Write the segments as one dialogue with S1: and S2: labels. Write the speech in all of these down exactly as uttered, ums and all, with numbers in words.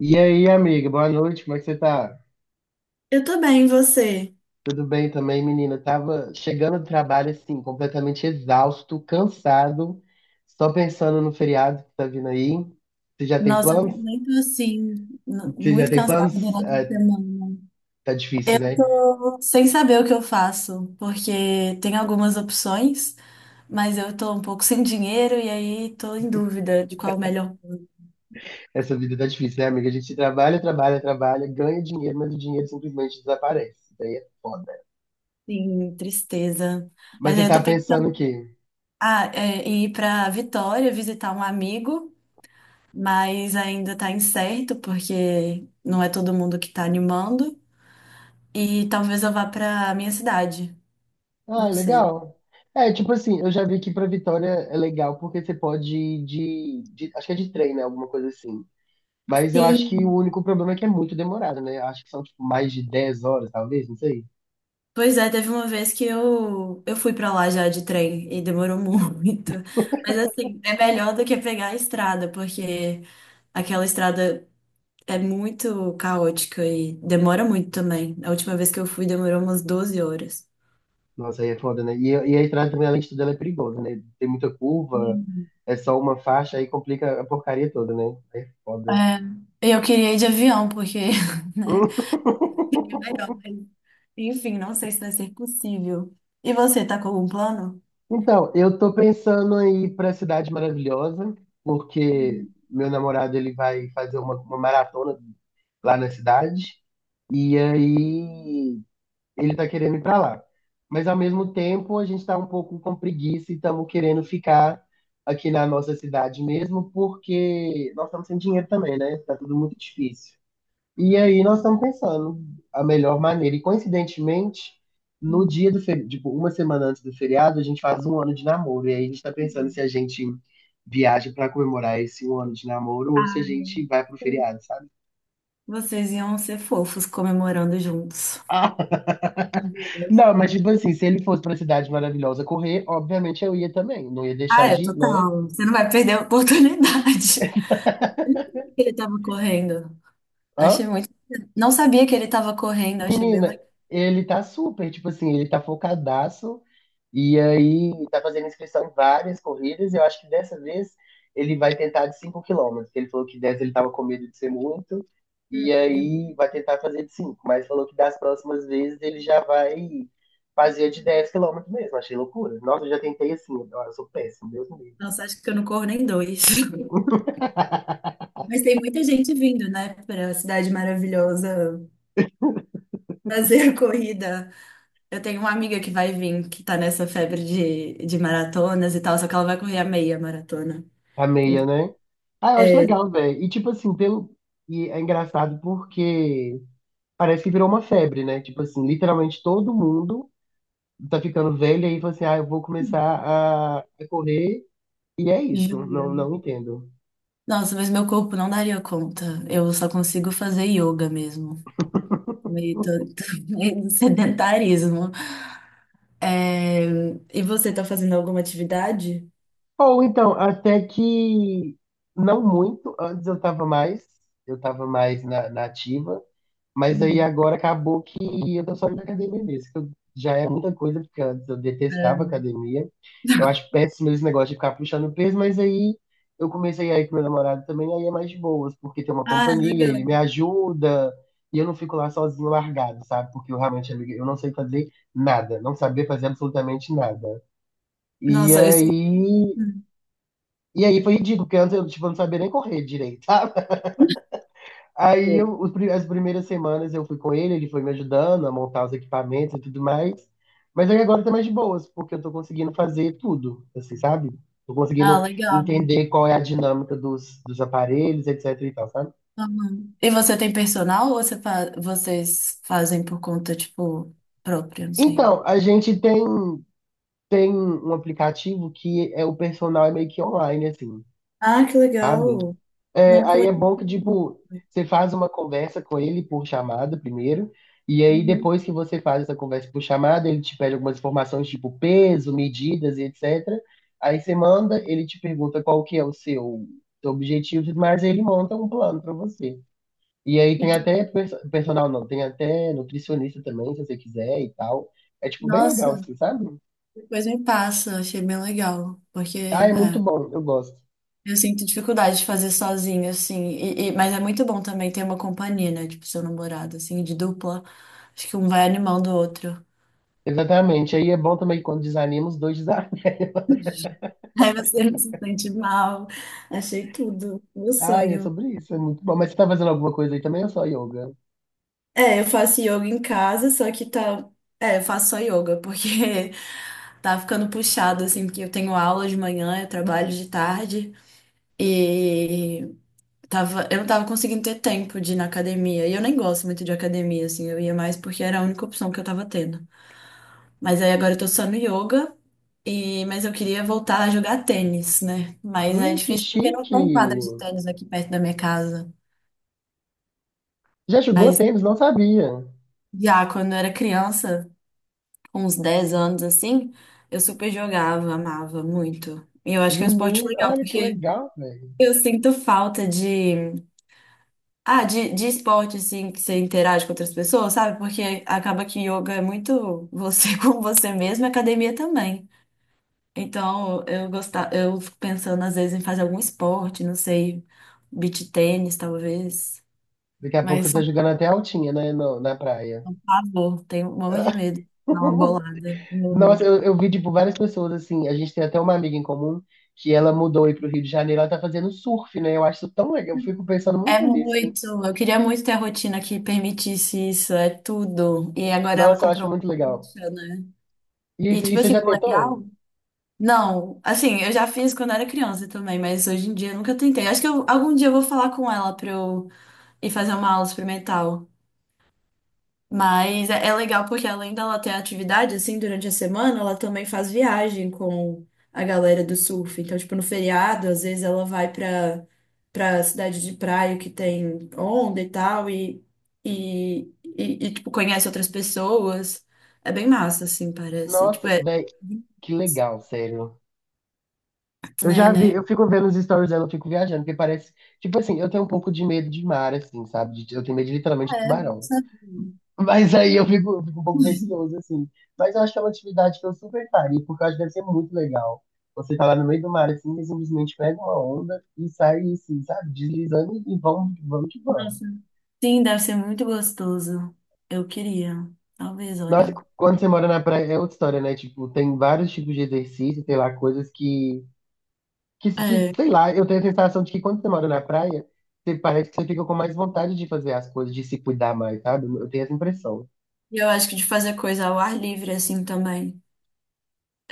S1: E aí, amiga, boa noite, como é que você tá?
S2: Eu tô bem, e você?
S1: Tudo bem também, menina? Eu tava chegando do trabalho, assim, completamente exausto, cansado, só pensando no feriado que tá vindo aí. Você já tem
S2: Nossa, eu
S1: planos?
S2: também tô muito assim, n-
S1: Você já
S2: muito
S1: tem
S2: cansada
S1: planos?
S2: durante
S1: Ah,
S2: a semana.
S1: tá
S2: Eu
S1: difícil, né?
S2: tô sem saber o que eu faço, porque tem algumas opções, mas eu tô um pouco sem dinheiro e aí tô em dúvida de qual o melhor.
S1: Essa vida tá difícil, né, amiga? A gente trabalha, trabalha, trabalha, ganha dinheiro, mas o dinheiro simplesmente desaparece. Isso daí é foda.
S2: Sim, tristeza.
S1: Mas
S2: Mas
S1: você
S2: aí eu
S1: tá
S2: tô
S1: pensando o
S2: pensando,
S1: quê?
S2: ah, é, em ir pra Vitória visitar um amigo, mas ainda tá incerto, porque não é todo mundo que tá animando. E talvez eu vá pra minha cidade,
S1: Ah,
S2: não sei.
S1: legal. É, tipo assim, eu já vi que pra Vitória é legal porque você pode ir de, de- Acho que é de trem, né? Alguma coisa assim. Mas eu acho que
S2: Sim,
S1: o único problema é que é muito demorado, né? Eu acho que são tipo, mais de dez horas, talvez, não sei.
S2: pois é, teve uma vez que eu, eu fui pra lá já de trem e demorou muito. Mas assim, é melhor do que pegar a estrada, porque aquela estrada é muito caótica e demora muito também. A última vez que eu fui demorou umas doze horas.
S1: Nossa, aí é foda, né? E, e a estrada também, além de tudo, ela é perigosa, né? Tem muita curva,
S2: Hum.
S1: é só uma faixa, aí complica a porcaria toda, né? Aí é foda.
S2: É, e eu queria ir de avião, porque, né? Seria melhor, mas, enfim, não sei se vai ser possível. E você, tá com algum plano?
S1: Então, eu tô pensando em aí pra Cidade Maravilhosa, porque
S2: Hum,
S1: meu namorado ele vai fazer uma, uma maratona lá na cidade. E aí ele tá querendo ir para lá. Mas ao mesmo tempo, a gente tá um pouco com preguiça e estamos querendo ficar aqui na nossa cidade mesmo, porque nós estamos sem dinheiro também, né? Tá tudo muito difícil. E aí nós estamos pensando a melhor maneira. E coincidentemente, no dia do feriado, tipo, uma semana antes do feriado, a gente faz um ano de namoro. E aí a gente tá pensando se
S2: hum.
S1: a gente viaja para comemorar esse um ano de namoro ou se a gente vai pro feriado, sabe?
S2: Vocês iam ser fofos comemorando juntos. Eu
S1: Não, mas
S2: sei.
S1: tipo assim, se ele fosse pra Cidade Maravilhosa correr, obviamente eu ia também. Não ia
S2: Ah,
S1: deixar
S2: é
S1: de ir, né?
S2: total. Você não vai perder a oportunidade. Eu não sabia que ele tava correndo.
S1: Hã?
S2: Achei muito. Não sabia que ele tava correndo, achei bem
S1: Menina,
S2: legal.
S1: ele tá super, tipo assim, ele tá focadaço. E aí tá fazendo inscrição em várias corridas. E eu acho que dessa vez ele vai tentar de cinco quilômetros. Ele falou que dez ele tava com medo de ser muito. E aí vai tentar fazer de cinco. Mas falou que das próximas vezes ele já vai fazer de dez quilômetros mesmo. Achei loucura. Nossa, eu já tentei assim. Eu sou péssimo, Deus me livre.
S2: Nossa, acho que eu não corro nem dois. Mas tem muita gente vindo, né, pra Cidade Maravilhosa fazer a corrida. Eu tenho uma amiga que vai vir, que tá nessa febre de, de maratonas e tal, só que ela vai correr a meia maratona.
S1: A meia, né? Ah, eu acho
S2: É,
S1: legal, velho. E tipo assim, pelo. E é engraçado porque parece que virou uma febre, né? Tipo assim, literalmente todo mundo tá ficando velho e aí fala assim, ah, eu vou começar a a correr e é isso. Não,
S2: juro.
S1: não entendo.
S2: Nossa, mas meu corpo não daria conta. Eu só consigo fazer yoga mesmo. Meio tô, meio sedentarismo. É, e você tá fazendo alguma atividade?
S1: Ou então, até que não muito, antes eu tava mais, eu tava mais na, na ativa. Mas aí
S2: Hum.
S1: agora acabou que eu tô só indo na academia mesmo, que eu- já é muita coisa, porque antes eu detestava academia. Eu acho péssimo esse negócio de ficar puxando peso, mas aí eu comecei a ir com meu namorado também, aí é mais de boas, porque tem uma
S2: Ah,
S1: companhia, ele
S2: legal.
S1: me ajuda, e eu não fico lá sozinho largado, sabe? Porque eu realmente, amiga, eu não sei fazer nada, não saber fazer absolutamente nada. E
S2: Nossa, eu sou.
S1: aí, e aí foi ridículo, porque antes eu, tipo, não sabia nem correr direito. Aí
S2: Hum.
S1: eu- os pri- as primeiras semanas eu fui com ele, ele foi me ajudando a montar os equipamentos e tudo mais. Mas aí agora tá mais de boas, porque eu tô conseguindo fazer tudo, assim, sabe? Tô
S2: Ah,
S1: conseguindo
S2: legal.
S1: entender qual é a dinâmica dos, dos aparelhos, etc e tal, sabe?
S2: Uhum. E você tem personal ou você fa- vocês fazem por conta, tipo, própria? Não sei.
S1: Então, a gente tem, tem um aplicativo que é o personal é meio que online, assim. Tá?
S2: Ah, que legal.
S1: É,
S2: Não
S1: aí é bom que,
S2: conheço.
S1: tipo, você faz uma conversa com ele por chamada primeiro, e aí
S2: Uhum.
S1: depois que você faz essa conversa por chamada, ele te pede algumas informações, tipo peso, medidas e et cetera. Aí você manda, ele te pergunta qual que é o seu, seu objetivo, mas ele monta um plano pra você. E aí tem
S2: Entendi.
S1: até perso- personal, não, tem até nutricionista também, se você quiser e tal. É, tipo, bem legal,
S2: Nossa,
S1: assim, sabe?
S2: depois me passa. Achei bem legal. Porque,
S1: Ah, é muito
S2: é.
S1: bom, eu gosto.
S2: Eu sinto dificuldade de fazer sozinho, assim. E, e- mas é muito bom também ter uma companhia, né? Tipo, seu namorado, assim, de dupla. Acho que um vai animando o outro.
S1: Exatamente. Aí é bom também que quando desanima, os dois desanimam.
S2: Aí você não se sente mal. Achei tudo. Meu
S1: Ah, é
S2: sonho.
S1: sobre isso, é muito bom. Mas você tá fazendo alguma coisa aí também ou só yoga?
S2: É, eu faço yoga em casa, só que tá. É, eu faço só yoga, porque tá ficando puxado, assim, porque eu tenho aula de manhã, eu trabalho de tarde. E tava, eu não tava conseguindo ter tempo de ir na academia. E eu nem gosto muito de academia, assim, eu ia mais porque era a única opção que eu tava tendo. Mas aí agora eu tô só no yoga. E, mas eu queria voltar a jogar tênis, né? Mas é
S1: Hum, que
S2: difícil porque não
S1: chique!
S2: tem quadra de tênis aqui perto da minha casa.
S1: Já jogou
S2: Mas
S1: tênis? Não sabia.
S2: já quando eu era criança, com uns dez anos assim, eu super jogava, amava muito. E eu acho que é um esporte
S1: Menino,
S2: legal
S1: olha que
S2: porque
S1: legal, velho.
S2: eu sinto falta de, ah, de, de esporte assim que você interage com outras pessoas, sabe? Porque acaba que yoga é muito você com você mesmo, e academia também. Então, eu gostava, eu fico pensando às vezes em fazer algum esporte, não sei, beach tênis, talvez.
S1: Daqui a pouco você
S2: Mas,
S1: tá
S2: sou
S1: jogando até altinha, né, no- na praia.
S2: um pavor, tenho um monte de medo de dar uma bolada.
S1: Nossa,
S2: Uhum.
S1: eu, eu vi, tipo, várias pessoas, assim, a gente tem até uma amiga em comum que ela mudou aí pro Rio de Janeiro, ela tá fazendo surf, né? Eu acho isso tão legal, eu fico pensando
S2: É
S1: muito nisso.
S2: muito. Eu queria muito ter a rotina que permitisse isso, é tudo. E agora ela
S1: Nossa, eu acho
S2: comprou
S1: muito
S2: uma
S1: legal.
S2: prancha, né?
S1: E,
S2: E,
S1: e
S2: tipo
S1: você
S2: assim,
S1: já
S2: o
S1: tentou?
S2: legal. Não, assim, eu já fiz quando era criança também, mas hoje em dia eu nunca tentei. Acho que eu- algum dia eu vou falar com ela pra eu ir fazer uma aula experimental. Mas é é legal porque além dela ter atividade, assim, durante a semana, ela também faz viagem com a galera do surf. Então, tipo, no feriado, às vezes ela vai pra, pra cidade de praia que tem onda e tal, e, e, e, e, tipo, conhece outras pessoas. É bem massa, assim, parece. Tipo,
S1: Nossa,
S2: é,
S1: velho, que legal, sério. Eu
S2: né,
S1: já vi,
S2: né?
S1: eu fico vendo os stories dela, eu fico viajando, porque parece. Tipo assim, eu tenho um pouco de medo de mar, assim, sabe? De- Eu tenho medo literalmente
S2: Ah,
S1: de
S2: é, não
S1: tubarão.
S2: sabia.
S1: Mas aí eu fico, eu fico um pouco receoso, assim. Mas eu acho que é uma atividade que eu super faria, porque eu acho que deve ser muito legal. Você tá lá no meio do mar, assim, e simplesmente pega uma onda e sai, assim, sabe? Deslizando e vamos, vamos que vamos.
S2: Nossa. Sim, deve ser muito gostoso. Eu queria. Talvez,
S1: Nossa,
S2: olha.
S1: quando você mora na praia é outra história, né? Tipo, tem vários tipos de exercício, tem lá, coisas que. Que, que,
S2: É.
S1: sei lá, eu tenho a sensação de que quando você mora na praia, você parece que você fica com mais vontade de fazer as coisas, de se cuidar mais, sabe? Eu tenho essa impressão.
S2: E eu acho que de fazer coisa ao ar livre, assim, também.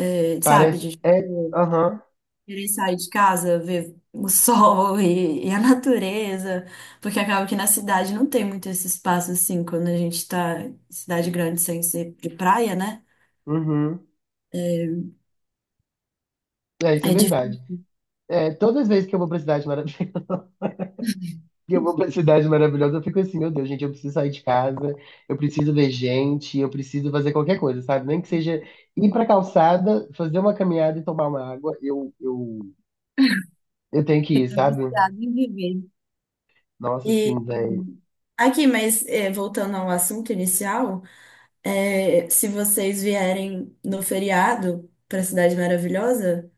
S2: É, sabe?
S1: Parece.
S2: De
S1: É.
S2: tipo,
S1: Aham.
S2: querer sair de casa, ver o sol e, e a natureza. Porque acaba que na cidade não tem muito esse espaço, assim, quando a gente tá em cidade grande sem ser de praia, né?
S1: Uhum. É, isso é
S2: É difícil
S1: verdade. É, todas as vezes que eu vou pra Cidade Maravilhosa, eu vou pra Cidade Maravilhosa, eu fico assim, meu Deus, gente, eu preciso sair de casa, eu preciso ver gente, eu preciso fazer qualquer coisa, sabe? Nem que seja ir pra calçada, fazer uma caminhada e tomar uma água, eu, eu, eu tenho que ir,
S2: ficar
S1: sabe?
S2: viciado em viver.
S1: Nossa,
S2: E
S1: sim, velho.
S2: aqui, mas é, voltando ao assunto inicial, é, se vocês vierem no feriado para Cidade Maravilhosa,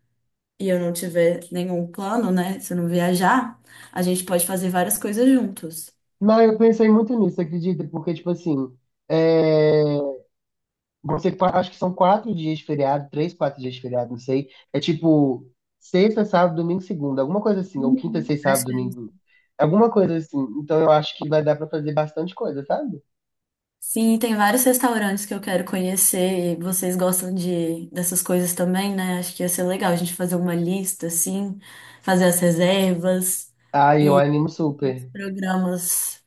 S2: e eu não tiver nenhum plano, né? Se eu não viajar, a gente pode fazer várias coisas juntos.
S1: Não, eu pensei muito nisso, acredita? Porque, tipo assim, é, você fa- acho que são quatro dias de feriado, três, quatro dias de feriado, não sei. É tipo sexta, sábado, domingo, segunda, alguma coisa assim, ou quinta,
S2: Uhum.
S1: sexta,
S2: Acho
S1: sábado,
S2: que é isso.
S1: domingo, alguma coisa assim. Então eu acho que vai dar pra fazer bastante coisa, sabe?
S2: Sim, tem vários restaurantes que eu quero conhecer e vocês gostam de dessas coisas também, né? Acho que ia ser legal a gente fazer uma lista, assim, fazer as reservas,
S1: Ah, eu animo super.
S2: programas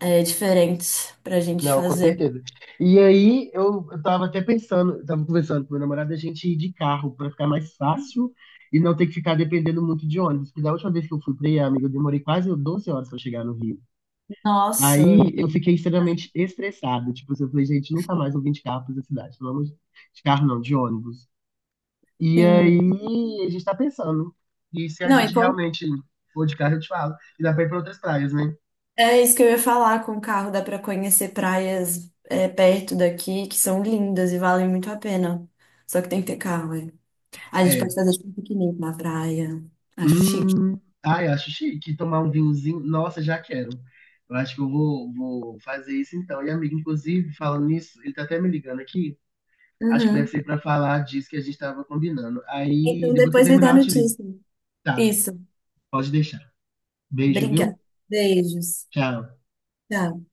S2: é, diferentes pra gente
S1: Não, com
S2: fazer.
S1: certeza. E aí eu, eu tava até pensando, eu tava conversando com meu namorado, a gente ir de carro pra ficar mais fácil e não ter que ficar dependendo muito de ônibus. Porque da última vez que eu fui pra aí, amigo, eu demorei quase doze horas pra chegar no Rio. Aí
S2: Nossa,
S1: eu fiquei extremamente estressado. Tipo, assim, eu falei, gente, nunca mais eu vim de carro pra essa cidade. Vamos de carro não, de ônibus. E
S2: sim.
S1: aí a gente tá pensando. E se a
S2: Não, e
S1: gente
S2: como
S1: realmente for de carro, eu te falo. E dá pra ir pra outras praias, né?
S2: é isso que eu ia falar, com o carro dá pra conhecer praias é, perto daqui que são lindas e valem muito a pena. Só que tem que ter carro, é. A gente
S1: É,
S2: pode fazer tipo um piquenique na praia. Acho chique.
S1: hum, ai, eu acho chique tomar um vinhozinho. Nossa, já quero. Eu acho que eu vou, vou fazer isso então. E, amigo, inclusive, falando nisso, ele tá até me ligando aqui. Acho que deve
S2: Uhum.
S1: ser pra falar disso que a gente tava combinando. Aí,
S2: Então
S1: depois que eu
S2: depois me dá
S1: terminar, eu te ligo.
S2: notícia.
S1: Tá,
S2: Isso.
S1: pode deixar. Beijo, viu?
S2: Obrigada. Beijos.
S1: Tchau.
S2: Tchau.